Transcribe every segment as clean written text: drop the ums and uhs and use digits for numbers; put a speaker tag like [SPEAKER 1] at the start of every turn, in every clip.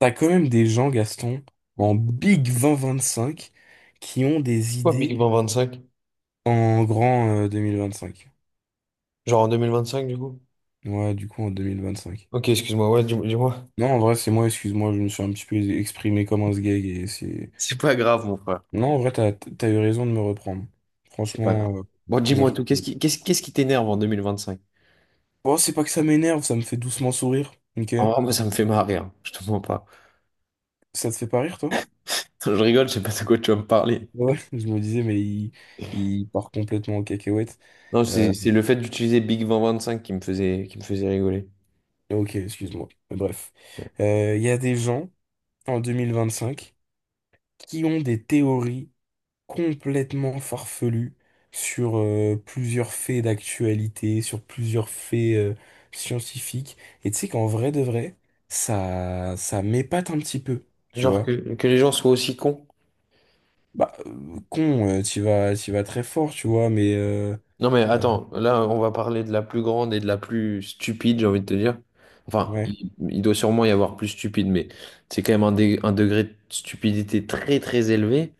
[SPEAKER 1] T'as quand même des gens, Gaston, en Big 2025, qui ont des
[SPEAKER 2] Quoi,
[SPEAKER 1] idées
[SPEAKER 2] minimum 25?
[SPEAKER 1] en grand 2025.
[SPEAKER 2] Genre en 2025, du coup?
[SPEAKER 1] Ouais, du coup, en 2025.
[SPEAKER 2] Ok, excuse-moi, ouais, dis-moi.
[SPEAKER 1] Non, en vrai, c'est moi, excuse-moi, je me suis un petit peu exprimé comme un sgeg et c'est.
[SPEAKER 2] C'est pas grave, mon frère.
[SPEAKER 1] Non, en vrai, t'as eu raison de me reprendre.
[SPEAKER 2] C'est pas grave.
[SPEAKER 1] Franchement,
[SPEAKER 2] Bon, dis-moi
[SPEAKER 1] merci.
[SPEAKER 2] tout. Qu'est-ce qui t'énerve en 2025?
[SPEAKER 1] Bon, c'est pas que ça m'énerve, ça me fait doucement sourire, ok?
[SPEAKER 2] En vrai, moi, ça me fait marrer, hein. Je te mens pas.
[SPEAKER 1] Ça te fait pas rire, toi?
[SPEAKER 2] Je rigole, je sais pas de quoi tu vas me parler.
[SPEAKER 1] Ouais. Je me disais, mais il part complètement en cacahuète.
[SPEAKER 2] Non, c'est,
[SPEAKER 1] Euh,
[SPEAKER 2] c'est le fait d'utiliser Big 2025 qui me faisait, rigoler.
[SPEAKER 1] ok, excuse-moi. Bref.
[SPEAKER 2] Ouais.
[SPEAKER 1] Il y a des gens en 2025 qui ont des théories complètement farfelues sur plusieurs faits d'actualité, sur plusieurs faits scientifiques. Et tu sais qu'en vrai de vrai, ça m'épate un petit peu, tu
[SPEAKER 2] Genre que,
[SPEAKER 1] vois.
[SPEAKER 2] que les gens soient aussi cons.
[SPEAKER 1] Bah, con, t'y vas très fort, tu vois, mais
[SPEAKER 2] Non mais
[SPEAKER 1] euh,
[SPEAKER 2] attends, là on va parler de la plus grande et de la plus stupide, j'ai envie de te dire. Enfin, il doit sûrement y avoir plus stupide, mais c'est quand même un degré de stupidité très très élevé,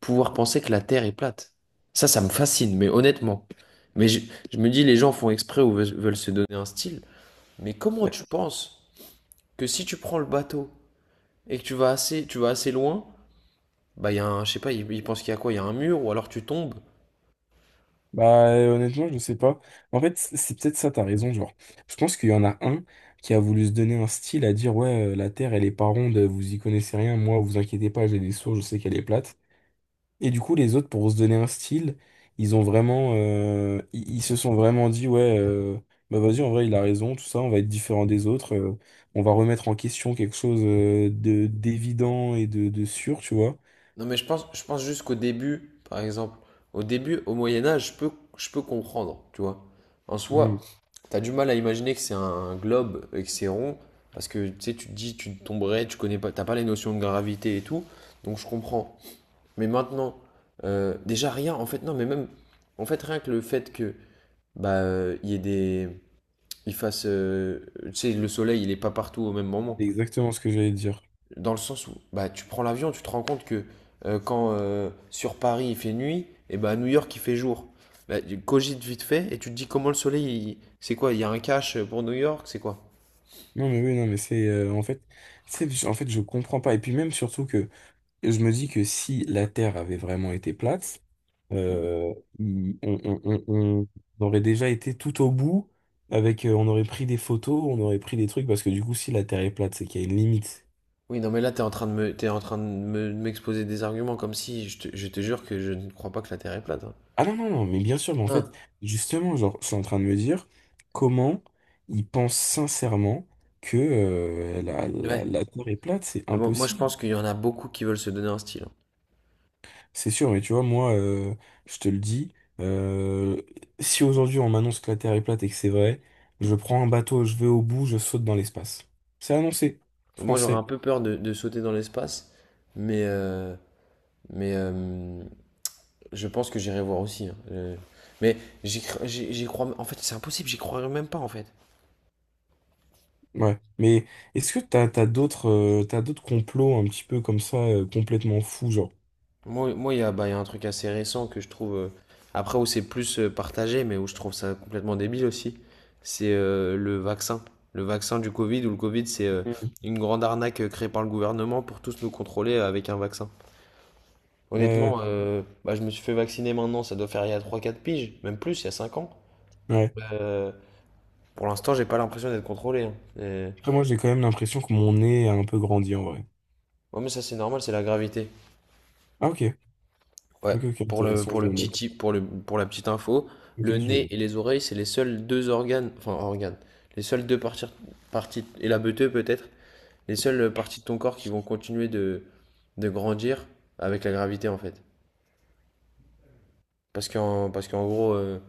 [SPEAKER 2] pouvoir penser que la Terre est plate. Ça me fascine, mais honnêtement. Mais je me dis, les gens font exprès ou veulent se donner un style. Mais comment
[SPEAKER 1] ouais.
[SPEAKER 2] tu penses que si tu prends le bateau et que tu vas assez loin, bah il y a un, je sais pas, ils pensent qu'il y a quoi? Il y a un mur ou alors tu tombes.
[SPEAKER 1] Bah, honnêtement, je sais pas. En fait, c'est peut-être ça, t'as raison, genre. Je pense qu'il y en a un qui a voulu se donner un style à dire, ouais, la Terre, elle est pas ronde, vous y connaissez rien, moi, vous inquiétez pas, j'ai des sources, je sais qu'elle est plate. Et du coup, les autres, pour se donner un style, ils se sont vraiment dit, ouais, bah vas-y, en vrai, il a raison, tout ça, on va être différent des autres, on va remettre en question quelque chose, d'évident et de sûr, tu vois.
[SPEAKER 2] Non, mais je pense juste qu'au début, par exemple, au début, au Moyen Âge, je peux comprendre, tu vois. En soi,
[SPEAKER 1] Mm.
[SPEAKER 2] t'as du mal à imaginer que c'est un globe et que c'est rond, parce que tu sais, tu te dis, tu tomberais, tu connais pas, t'as pas les notions de gravité et tout, donc je comprends. Mais maintenant, déjà rien, en fait, non, mais même, en fait, rien que le fait que, bah, il y ait des, il fasse, tu sais, le soleil, il est pas partout au même
[SPEAKER 1] C'est
[SPEAKER 2] moment.
[SPEAKER 1] exactement ce que j'allais dire.
[SPEAKER 2] Dans le sens où bah, tu prends l'avion, tu te rends compte que quand sur Paris il fait nuit, et ben à New York il fait jour. Là, tu cogites vite fait et tu te dis comment le soleil, c'est quoi? Il y a un cache pour New York, c'est quoi?
[SPEAKER 1] Non mais oui, non mais c'est en fait, en fait, je comprends pas. Et puis même surtout que je me dis que si la Terre avait vraiment été plate, euh, il- on, on- on- on- on aurait déjà été tout au bout, avec on aurait pris des photos, on aurait pris des trucs parce que du coup, si la Terre est plate, c'est qu'il y a une limite.
[SPEAKER 2] Oui, non, mais là, t'es en train de m'exposer des arguments comme si je te jure que je ne crois pas que la Terre est plate, hein.
[SPEAKER 1] Ah, non non non, mais bien sûr, mais en fait,
[SPEAKER 2] Hein,
[SPEAKER 1] justement, genre, je suis en train de me dire, comment ils pensent sincèrement que la, la,
[SPEAKER 2] ouais.
[SPEAKER 1] la Terre est plate? C'est
[SPEAKER 2] Mais bon, moi, je
[SPEAKER 1] impossible.
[SPEAKER 2] pense qu'il y en a beaucoup qui veulent se donner un style, hein.
[SPEAKER 1] C'est sûr, mais tu vois, moi, je te le dis, euh, si aujourd'hui on m'annonce que la Terre est plate et que c'est vrai, je prends un bateau, je vais au bout, je saute dans l'espace. C'est annoncé,
[SPEAKER 2] Moi, j'aurais
[SPEAKER 1] français.
[SPEAKER 2] un peu peur de sauter dans l'espace, mais, euh, mais je pense que j'irai voir aussi, hein. Mais j'y cr- j'y j'y crois. En fait, c'est impossible, j'y croirais même pas en fait.
[SPEAKER 1] Ouais. Mais est-ce que t'as d'autres complots un petit peu comme ça, complètement fous, genre?
[SPEAKER 2] Moi, bah, il y a un truc assez récent que je trouve, après, où c'est plus partagé, mais où je trouve ça complètement débile aussi. C'est le vaccin. Le vaccin du Covid, où le Covid, c'est
[SPEAKER 1] Mm.
[SPEAKER 2] une grande arnaque créée par le gouvernement pour tous nous contrôler avec un vaccin.
[SPEAKER 1] Ouais,
[SPEAKER 2] Honnêtement, bah, je me suis fait vacciner maintenant, ça doit faire il y a 3, 4 piges, même plus, il y a 5 ans.
[SPEAKER 1] ouais.
[SPEAKER 2] Euh, pour l'instant, j'ai pas l'impression d'être contrôlé, hein. Et-
[SPEAKER 1] Après, moi, j'ai quand même l'impression que mon nez a un peu grandi en vrai.
[SPEAKER 2] Ouais, mais ça, c'est normal, c'est la gravité.
[SPEAKER 1] Ah, ok.
[SPEAKER 2] Ouais,
[SPEAKER 1] Ok, ok,
[SPEAKER 2] pour le,
[SPEAKER 1] intéressant,
[SPEAKER 2] pour
[SPEAKER 1] je
[SPEAKER 2] le
[SPEAKER 1] le
[SPEAKER 2] petit
[SPEAKER 1] note.
[SPEAKER 2] tip, pour la petite info, le
[SPEAKER 1] Ok, je le
[SPEAKER 2] nez
[SPEAKER 1] note.
[SPEAKER 2] et les oreilles, c'est les seuls deux organes, enfin organes, les seules deux parties, parties et la beuteux peut-être, les seules parties de ton corps qui vont continuer de grandir avec la gravité en fait. Parce qu'en gros,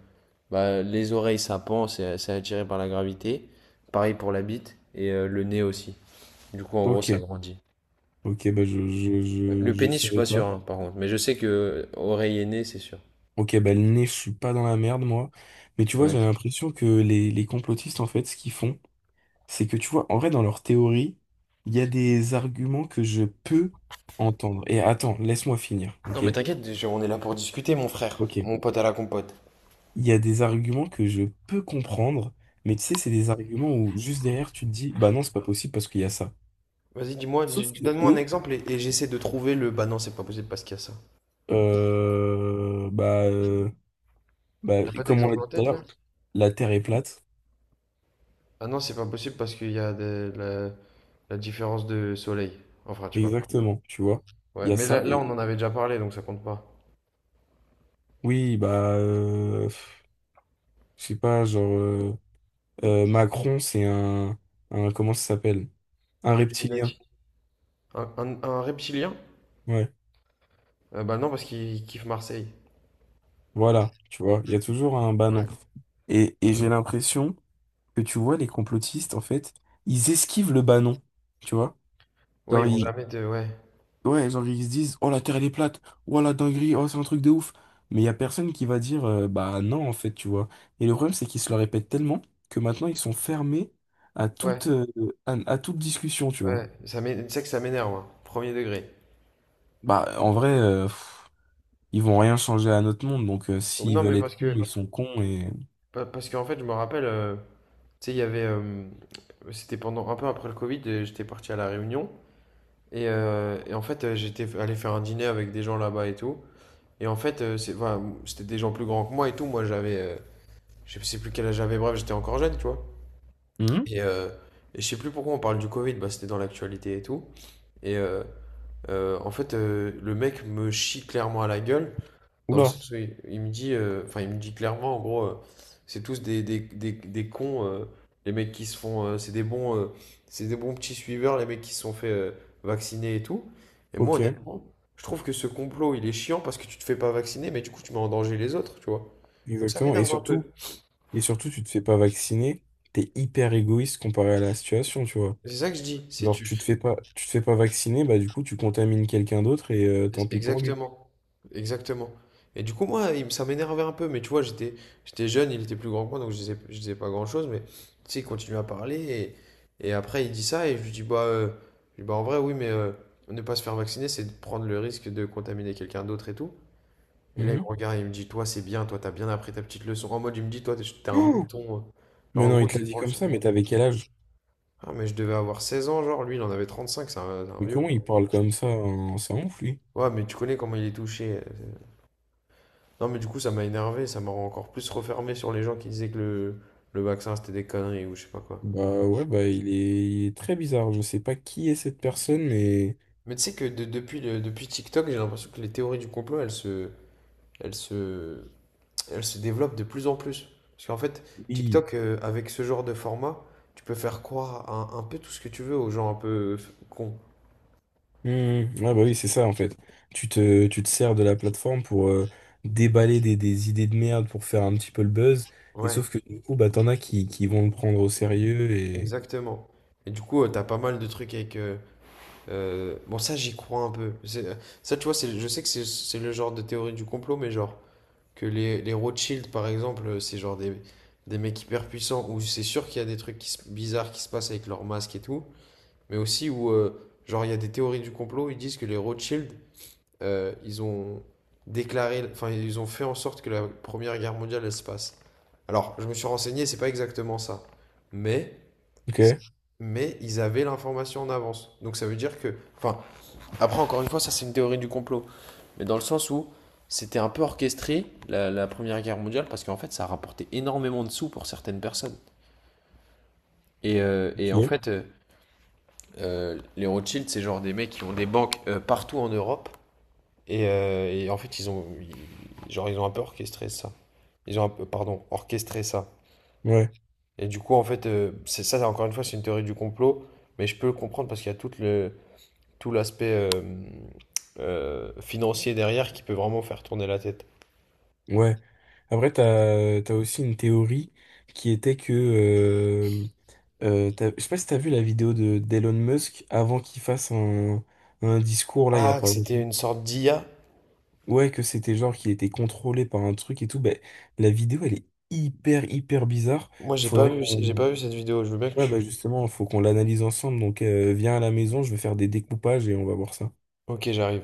[SPEAKER 2] bah, les oreilles ça pend, c'est attiré par la gravité. Pareil pour la bite et le nez aussi. Du coup, en gros, ça
[SPEAKER 1] Ok,
[SPEAKER 2] grandit.
[SPEAKER 1] ok, bah, je, je,
[SPEAKER 2] Ouais.
[SPEAKER 1] je,
[SPEAKER 2] Le
[SPEAKER 1] je
[SPEAKER 2] pénis, je suis
[SPEAKER 1] savais
[SPEAKER 2] pas sûr
[SPEAKER 1] pas.
[SPEAKER 2] hein, par contre, mais je sais que oreille et nez, c'est sûr.
[SPEAKER 1] Ok, bah le nez, je suis pas dans la merde, moi. Mais tu vois,
[SPEAKER 2] Ouais.
[SPEAKER 1] j'ai l'impression que les complotistes, en fait, ce qu'ils font, c'est que tu vois, en vrai, dans leur théorie, il y a des arguments que je peux entendre. Et attends, laisse-moi finir,
[SPEAKER 2] Non,
[SPEAKER 1] ok?
[SPEAKER 2] mais t'inquiète, on est là pour discuter, mon frère.
[SPEAKER 1] Ok.
[SPEAKER 2] Mon pote à la compote.
[SPEAKER 1] Il y a des arguments que je peux comprendre, mais tu sais, c'est des arguments où juste derrière, tu te dis, bah non, c'est pas possible parce qu'il y a ça.
[SPEAKER 2] Vas-y, dis-moi, dis-
[SPEAKER 1] Sauf
[SPEAKER 2] moi
[SPEAKER 1] que
[SPEAKER 2] donne moi un
[SPEAKER 1] eux,
[SPEAKER 2] exemple et, j'essaie de trouver le. Bah non, c'est pas possible parce qu'il y a ça.
[SPEAKER 1] bah, bah,
[SPEAKER 2] T'as pas
[SPEAKER 1] comme on l'a
[SPEAKER 2] d'exemple
[SPEAKER 1] dit
[SPEAKER 2] en
[SPEAKER 1] tout à
[SPEAKER 2] tête là?
[SPEAKER 1] l'heure, la Terre est plate.
[SPEAKER 2] Ah non, c'est pas possible parce qu'il y a la différence de soleil. Enfin, tu vois.
[SPEAKER 1] Exactement, tu vois. Il
[SPEAKER 2] Ouais,
[SPEAKER 1] y a
[SPEAKER 2] mais là,
[SPEAKER 1] ça.
[SPEAKER 2] là, on en avait déjà parlé donc ça compte pas.
[SPEAKER 1] Oui, bah, pff, je sais pas, genre, Macron, c'est un, comment ça s'appelle? Un
[SPEAKER 2] Un
[SPEAKER 1] reptilien.
[SPEAKER 2] Illuminati. Un reptilien?
[SPEAKER 1] Ouais,
[SPEAKER 2] Bah non, parce qu'ils kiffent Marseille.
[SPEAKER 1] voilà, tu vois, il y a toujours un banon.
[SPEAKER 2] Ouais.
[SPEAKER 1] Et j'ai l'impression que tu vois, les complotistes, en fait, ils esquivent le banon, tu vois?
[SPEAKER 2] Ouais,
[SPEAKER 1] Genre,
[SPEAKER 2] ils vont jamais te. Ouais.
[SPEAKER 1] ouais, genre, ils se disent, oh, la Terre, elle est plate, oh, la dinguerie, oh, c'est un truc de ouf. Mais il y a personne qui va dire, bah non, en fait, tu vois. Et le problème, c'est qu'ils se le répètent tellement que maintenant, ils sont fermés à
[SPEAKER 2] Ouais.
[SPEAKER 1] toute, euh, à toute discussion, tu vois.
[SPEAKER 2] Ouais. Tu sais que ça m'énerve, hein. Premier degré.
[SPEAKER 1] Bah, en vrai, pff, ils vont rien changer à notre monde, donc s'ils
[SPEAKER 2] Non,
[SPEAKER 1] veulent
[SPEAKER 2] mais
[SPEAKER 1] être
[SPEAKER 2] parce
[SPEAKER 1] cons,
[SPEAKER 2] que.
[SPEAKER 1] ils sont cons.
[SPEAKER 2] Parce qu'en fait, je me rappelle, tu sais, il y avait, c'était pendant un peu après le Covid, et j'étais parti à La Réunion. Et en fait, j'étais allé faire un dîner avec des gens là-bas et tout. Et en fait, voilà c'était des gens plus grands que moi et tout. Moi, j'avais, je sais plus quel âge j'avais, bref, j'étais encore jeune, tu vois.
[SPEAKER 1] Mhm.
[SPEAKER 2] Et, euh, et je sais plus pourquoi on parle du Covid, bah, c'était dans l'actualité et tout. Et en fait, le mec me chie clairement à la gueule. Dans le
[SPEAKER 1] Oula,
[SPEAKER 2] sens où il me dit, enfin, il me dit clairement, en gros, c'est tous des cons, les mecs qui se font, c'est des bons petits suiveurs, les mecs qui se sont fait vacciner et tout. Et moi,
[SPEAKER 1] ok,
[SPEAKER 2] honnêtement, je trouve que ce complot, il est chiant parce que tu te fais pas vacciner, mais du coup, tu mets en danger les autres, tu vois. Donc ça
[SPEAKER 1] exactement. Et
[SPEAKER 2] m'énerve un peu.
[SPEAKER 1] surtout, et surtout, tu te fais pas vacciner, t'es hyper égoïste comparé à la situation, tu vois.
[SPEAKER 2] C'est ça que je dis. C'est
[SPEAKER 1] Genre,
[SPEAKER 2] tu.
[SPEAKER 1] tu te fais pas vacciner, bah du coup, tu contamines quelqu'un d'autre et tant pis pour lui.
[SPEAKER 2] Exactement, exactement. Et du coup, moi, il ça m'énervait un peu, mais tu vois, j'étais jeune, il était plus grand que moi, donc je disais pas grand-chose, mais tu sais, il continue à parler, et, après, il dit ça, et je lui dis, bah, je dis, bah en vrai, oui, mais ne pas se faire vacciner, c'est de prendre le risque de contaminer quelqu'un d'autre et tout. Et là, il me
[SPEAKER 1] Mhm.
[SPEAKER 2] regarde, il me dit, toi, c'est bien, toi, t'as bien appris ta petite leçon. En mode, il me dit, toi, t'es un
[SPEAKER 1] Oh
[SPEAKER 2] mouton, hein. Genre,
[SPEAKER 1] mais
[SPEAKER 2] en
[SPEAKER 1] non, il
[SPEAKER 2] gros, il
[SPEAKER 1] te
[SPEAKER 2] se
[SPEAKER 1] l'a dit
[SPEAKER 2] branle
[SPEAKER 1] comme
[SPEAKER 2] sur
[SPEAKER 1] ça, mais
[SPEAKER 2] moi.
[SPEAKER 1] t'avais quel âge?
[SPEAKER 2] Ah, mais je devais avoir 16 ans, genre, lui, il en avait 35, c'est un
[SPEAKER 1] Mais
[SPEAKER 2] vieux
[SPEAKER 1] comment
[SPEAKER 2] con.
[SPEAKER 1] il parle comme ça? Hein. Ça ouf, lui.
[SPEAKER 2] Ouais, mais tu connais comment il est touché. Non, mais du coup, ça m'a énervé, ça m'a encore plus refermé sur les gens qui disaient que le vaccin c'était des conneries ou je sais pas quoi.
[SPEAKER 1] Bah ouais, bah il est très bizarre. Je sais pas qui est cette personne, mais...
[SPEAKER 2] Mais tu sais que depuis, depuis TikTok, j'ai l'impression que les théories du complot elles se, elles se développent de plus en plus. Parce qu'en fait,
[SPEAKER 1] Oui.
[SPEAKER 2] TikTok, avec ce genre de format, tu peux faire croire à un peu tout ce que tu veux aux gens un peu cons.
[SPEAKER 1] Hmm, ah bah oui, c'est ça en fait. Tu te sers de la plateforme pour déballer des idées de merde pour faire un petit peu le buzz. Et
[SPEAKER 2] Ouais,
[SPEAKER 1] sauf que du coup, bah t'en as qui vont le prendre au sérieux et.
[SPEAKER 2] exactement. Et du coup, t'as pas mal de trucs avec, bon, ça, j'y crois un peu. Ça, tu vois, c'est, je sais que c'est le genre de théorie du complot, mais genre. Que les Rothschild, par exemple, c'est genre des mecs hyper puissants où c'est sûr qu'il y a des trucs qui bizarres qui se passent avec leurs masques et tout. Mais aussi où, genre, il y a des théories du complot, ils disent que les Rothschild, ils ont déclaré, enfin, ils ont fait en sorte que la Première Guerre mondiale, elle se passe. Alors, je me suis renseigné, c'est pas exactement ça. Mais
[SPEAKER 1] Ok,
[SPEAKER 2] mais ils avaient l'information en avance. Donc ça veut dire que, enfin, après, encore une fois, ça c'est une théorie du complot. Mais dans le sens où c'était un peu orchestré, la Première Guerre mondiale, parce qu'en fait, ça a rapporté énormément de sous pour certaines personnes. Et en
[SPEAKER 1] ok.
[SPEAKER 2] fait, les Rothschild, c'est genre des mecs qui ont des banques partout en Europe. Et en fait, genre, ils ont un peu orchestré ça. Ils ont un peu, pardon, orchestré ça.
[SPEAKER 1] Ouais,
[SPEAKER 2] Et du coup, en fait, c'est ça, encore une fois, c'est une théorie du complot. Mais je peux le comprendre parce qu'il y a toute tout l'aspect financier derrière qui peut vraiment faire tourner la tête.
[SPEAKER 1] ouais. Après, t'as aussi une théorie qui était je sais pas si t'as vu la vidéo de d'Elon Musk avant qu'il fasse un discours là il y a
[SPEAKER 2] Ah, que
[SPEAKER 1] pas
[SPEAKER 2] c'était
[SPEAKER 1] longtemps.
[SPEAKER 2] une sorte d'IA.
[SPEAKER 1] Ouais, que c'était genre qu'il était contrôlé par un truc et tout, ben la vidéo elle est hyper hyper bizarre.
[SPEAKER 2] Moi, j'ai pas
[SPEAKER 1] Faudrait
[SPEAKER 2] vu, j'ai
[SPEAKER 1] qu'on.
[SPEAKER 2] pas vu cette vidéo. Je veux bien que
[SPEAKER 1] Ouais,
[SPEAKER 2] tu.
[SPEAKER 1] bah justement, faut qu'on l'analyse ensemble. Donc viens à la maison, je vais faire des découpages et on va voir ça.
[SPEAKER 2] Ok, j'arrive.